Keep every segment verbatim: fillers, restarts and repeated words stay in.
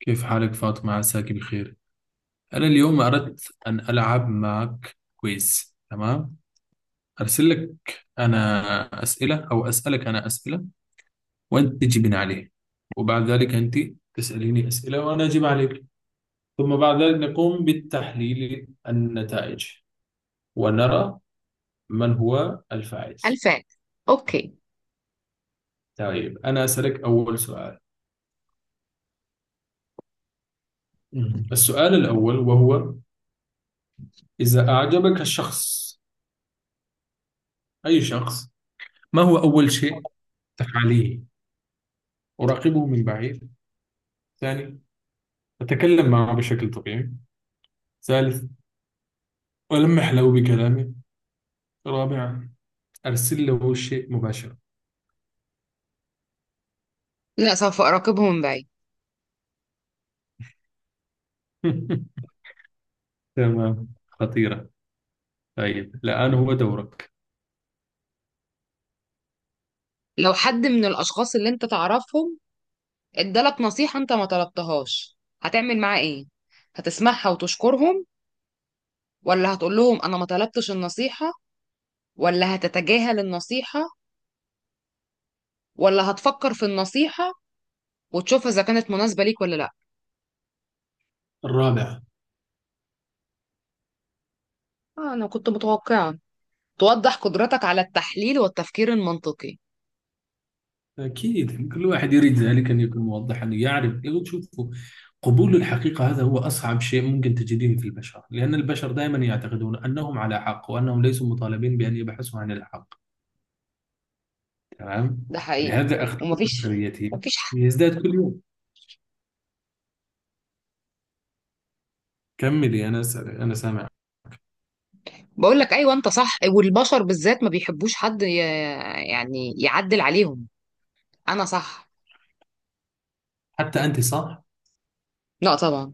كيف حالك فاطمة؟ عساك بخير. أنا اليوم أردت أن ألعب معك كويز، تمام؟ أرسل لك أنا أسئلة أو أسألك أنا أسئلة، وأنت تجيبين عليه، وبعد ذلك أنت تسأليني أسئلة وأنا أجيب عليك، ثم بعد ذلك نقوم بالتحليل النتائج ونرى من هو الفائز. ألفان. أوكي. طيب أنا أسألك أول سؤال. مم. السؤال الأول وهو: إذا أعجبك الشخص، أي شخص، ما هو أول شيء تفعليه؟ أراقبه من بعيد، ثاني أتكلم معه بشكل طبيعي، ثالث ألمح له بكلامي، رابعا أرسل له الشيء مباشرة. لا، سوف أراقبهم من بعيد. تمام، خطيرة. طيب الآن هو دورك. لو حد من الأشخاص اللي أنت تعرفهم ادالك نصيحة أنت ما طلبتهاش هتعمل معاه إيه؟ هتسمعها وتشكرهم، ولا هتقول لهم أنا ما طلبتش النصيحة، ولا هتتجاهل النصيحة، ولا هتفكر في النصيحة وتشوف إذا كانت مناسبة ليك ولا لأ؟ الرابع؟ آه، أنا كنت متوقعة. توضح قدرتك على التحليل والتفكير المنطقي. أكيد كل واحد يريد ذلك، أن يكون موضحا، أن يعرف، يقول شوفوا. قبول الحقيقة هذا هو أصعب شيء ممكن تجدين في البشر، لأن البشر دائما يعتقدون أنهم على حق وأنهم ليسوا مطالبين بأن يبحثوا عن الحق، تمام؟ ده حقيقي. فلهذا أخلاق ومفيش بشريتهم مفيش يزداد كل يوم. كملي، أنا س- أنا سامع. بقول لك ايوه انت صح، والبشر بالذات ما بيحبوش حد ي- يعني يعدل عليهم. انا صح. حتى أنت صح؟ لا طبعا.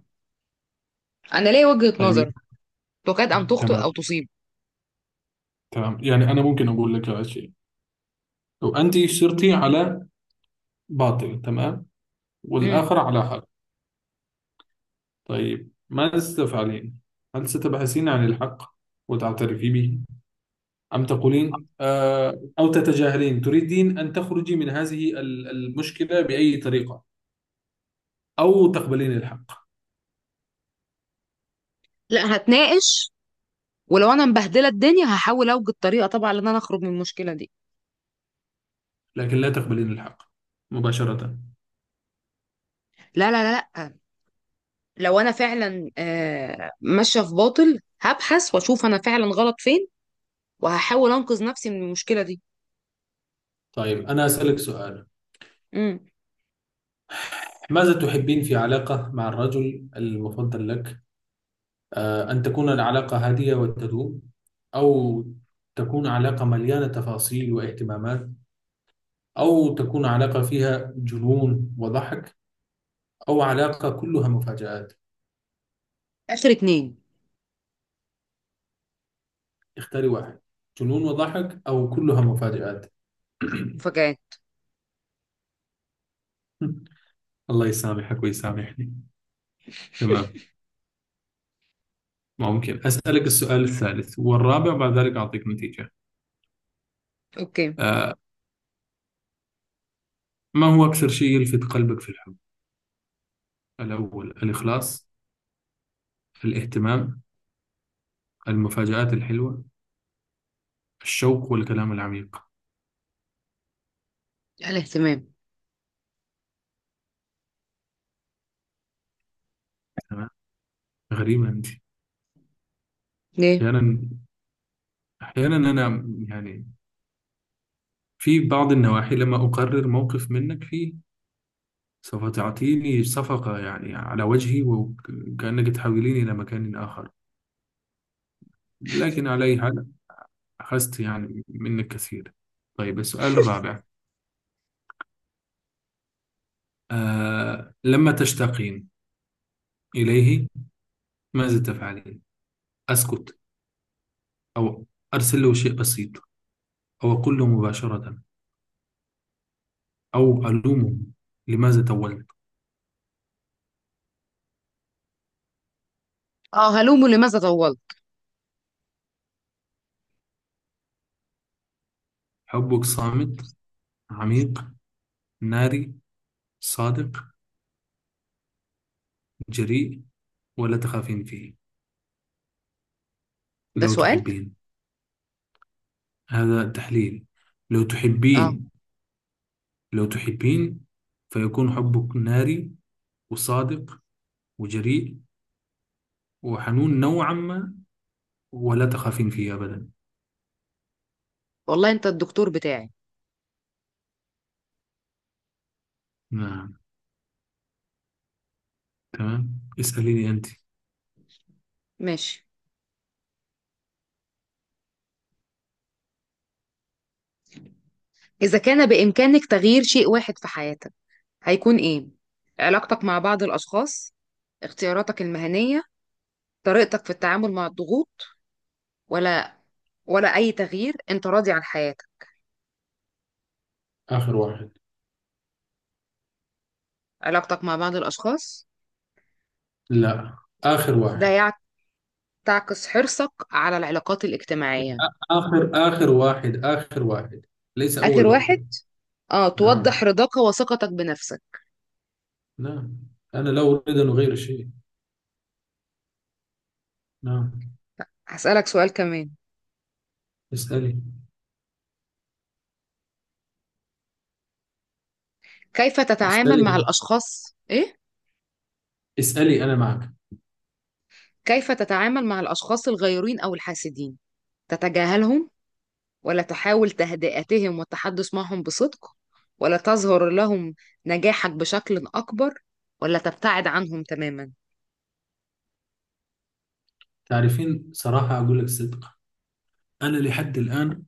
انا ليا وجهة طيب. نظر تكاد ان تخطئ تمام، او تصيب. تمام، يعني أنا ممكن أقول لك على شيء: لو أنت صرتي على باطل، تمام، امم والآخر على حق، طيب ماذا ستفعلين؟ هل ستبحثين عن الحق وتعترفي به، أم تقولين آه، أو تتجاهلين، تريدين أن تخرجي من هذه ال- المشكلة بأي طريقة، أو تقبلين الحق؟ لا، هتناقش. ولو انا مبهدله الدنيا هحاول اوجد طريقه طبعا ان انا اخرج من المشكله دي. لكن لا تقبلين الحق مباشرة. لا لا لا لا. لو انا فعلا آه، ماشيه في باطل، هبحث واشوف انا فعلا غلط فين، وهحاول انقذ نفسي من المشكله دي. طيب أنا أسألك سؤال: امم ماذا تحبين في علاقة مع الرجل المفضل لك؟ آه، أن تكون العلاقة هادئة وتدوم، أو تكون علاقة مليانة تفاصيل واهتمامات، أو تكون علاقة فيها جنون وضحك، أو علاقة كلها مفاجآت. اخر اتنين. اختاري واحد، جنون وضحك أو كلها مفاجآت. مفاجآت. الله يسامحك ويسامحني. تمام، ممكن أسألك السؤال الثالث والرابع بعد ذلك أعطيك نتيجة. اوكي. آه، ما هو أكثر شيء يلفت قلبك في الحب؟ الأول الإخلاص، الاهتمام، المفاجآت الحلوة، الشوق والكلام العميق. الاهتمام. تمام، غريبة أنت. ليه؟ أحيانا، أحيانا أنا يعني في بعض النواحي لما أقرر موقف منك فيه، سوف تعطيني صفقة يعني على وجهي، وكأنك تحوليني إلى مكان آخر. لكن على أي حال، أخذت يعني منك كثير. طيب السؤال الرابع: آه، لما تشتاقين إليه ماذا تفعلين؟ أسكت، أو أرسل له شيء بسيط، أو أقول له مباشرة، أو ألومه لماذا تولت. اه، هلومه لماذا طولت. حبك صامت، عميق، ناري، صادق، جريء، ولا تخافين فيه. ده لو سؤال. تحبين، هذا تحليل، لو اه، تحبين، لو تحبين، فيكون حبك ناري، وصادق، وجريء، وحنون نوعا ما، ولا تخافين فيه أبدا. والله انت الدكتور بتاعي. نعم. تمام، اسأليني أنت. ماشي. اذا كان بامكانك تغيير شيء واحد في حياتك هيكون ايه؟ علاقتك مع بعض الاشخاص، اختياراتك المهنية، طريقتك في التعامل مع الضغوط، ولا ولا اي تغيير، انت راضي عن حياتك؟ آخر واحد. علاقتك مع بعض الاشخاص. لا، آخر ده واحد. يع- تعكس حرصك على العلاقات الاجتماعية. آخر آخر واحد، آخر واحد، ليس أول اخر واحد. واحد. اه، توضح نعم. رضاك وثقتك بنفسك. نعم، أنا لا أريد أن أغير شيء. نعم. هسألك سؤال كمان. اسألي، كيف تتعامل اسألي، مع الاشخاص ايه اسألي، أنا معك. كيف تتعامل مع الأشخاص الغيورين أو الحاسدين؟ تتجاهلهم، ولا تحاول تهدئتهم والتحدث معهم بصدق، ولا تظهر لهم نجاحك بشكل أكبر، ولا تبتعد عنهم تماما؟ تعرفين، صراحة أقول لك صدق، أنا لحد الآن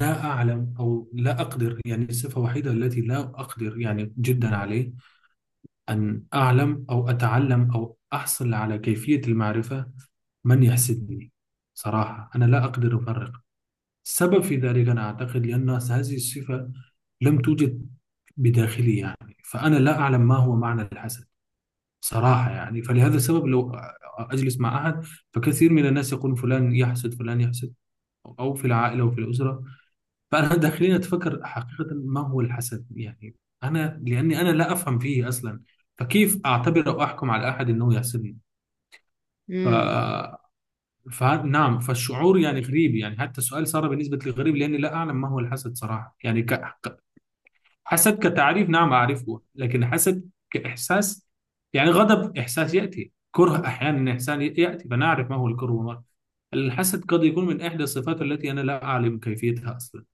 لا أعلم أو لا أقدر، يعني الصفة الوحيدة التي لا أقدر يعني جدا عليه، أن أعلم أو أتعلم أو أحصل على كيفية المعرفة من يحسدني. صراحة أنا لا أقدر أفرق. السبب في ذلك أنا أعتقد لأن هذه الصفة لم توجد بداخلي، يعني فأنا لا أعلم ما هو معنى الحسد صراحة، يعني فلهذا السبب لو أجلس مع أحد، فكثير من الناس يقولون فلان يحسد، فلان يحسد، أو في العائلة وفي الأسرة، فأنا داخلين أتفكر حقيقة ما هو الحسد، يعني أنا لأني أنا لا أفهم فيه أصلا، فكيف أعتبر أو أحكم على أحد أنه يحسدني؟ ف... مم. فنعم، فالشعور يعني غريب، يعني حتى السؤال صار بالنسبة لي غريب، لأني لا أعلم ما هو الحسد صراحة، يعني ك... حسد كتعريف نعم أعرفه، لكن حسد كإحساس، يعني غضب إحساس يأتي، كره أحيانا، إحسان يأتي، فنعرف ما هو الكره والمرض. الحسد قد يكون من إحدى الصفات التي أنا لا أعلم كيفيتها أصلا.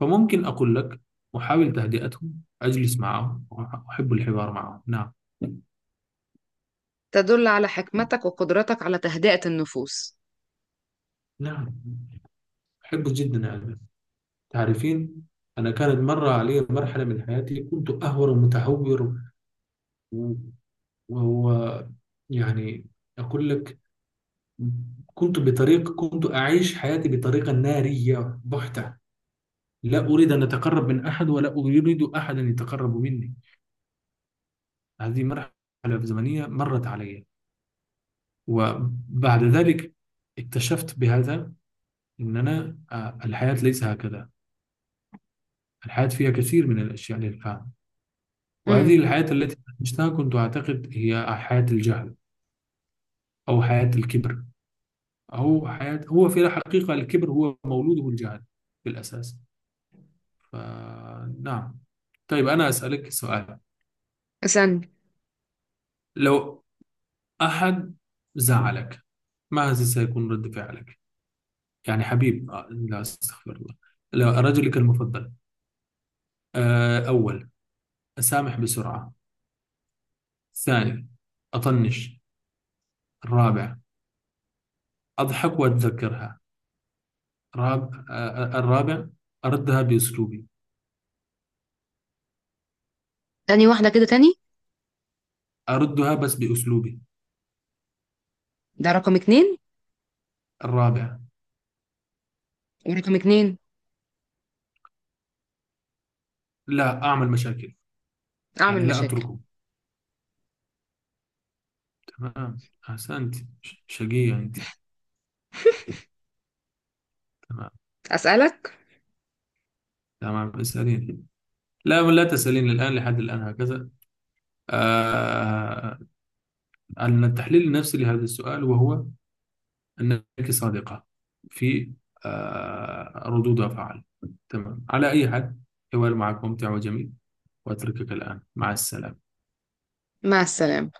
فممكن أقول لك أحاول تهدئتهم، أجلس معهم، أحب الحوار معهم. نعم، تدل على حكمتك وقدرتك على تهدئة النفوس. نعم، أحبه جدا يعني. تعرفين، أنا كانت مرة علي مرحلة من حياتي كنت أهور ومتهور، و... و... و- يعني أقول لك، كنت بطريق كنت أعيش حياتي بطريقة نارية بحتة، لا أريد أن أتقرب من أحد ولا أريد أحد أن يتقرب مني. هذه مرحلة زمنية مرت علي، وبعد ذلك اكتشفت بهذا أن أنا آه، الحياة ليس هكذا، الحياة فيها كثير من الأشياء للفهم. وهذه امم الحياة التي عشتها كنت أعتقد هي حياة الجهل، أو حياة الكبر، أو حياة، هو في الحقيقة الكبر هو مولوده الجهل في الأساس. فنعم. طيب أنا أسألك سؤال: استني. لو أحد زعلك ما سيكون رد فعلك؟ يعني حبيب، آه، لا استغفر الله، لا، رجلك المفضل. آه، أول أسامح بسرعة، ثاني أطنش، الرابع أضحك وأتذكرها، راب آه، الرابع أردها بأسلوبي. تاني واحدة كده تاني. أردها بس بأسلوبي. ده رقم اتنين، الرابع ورقم اتنين لا أعمل مشاكل، يعني أعمل لا مشاكل. أتركه. تمام، أحسنت. ش- شقية أنت. تمام، أسألك. تمام، اسألين. لا، لا تسألين الآن، لحد الآن هكذا. آه أن التحليل النفسي لهذا السؤال، وهو أنك صادقة في آه ردود أفعال. تمام، على أي حال، حوار معك ممتع وجميل، وأتركك الآن مع السلامة. مع السلامة.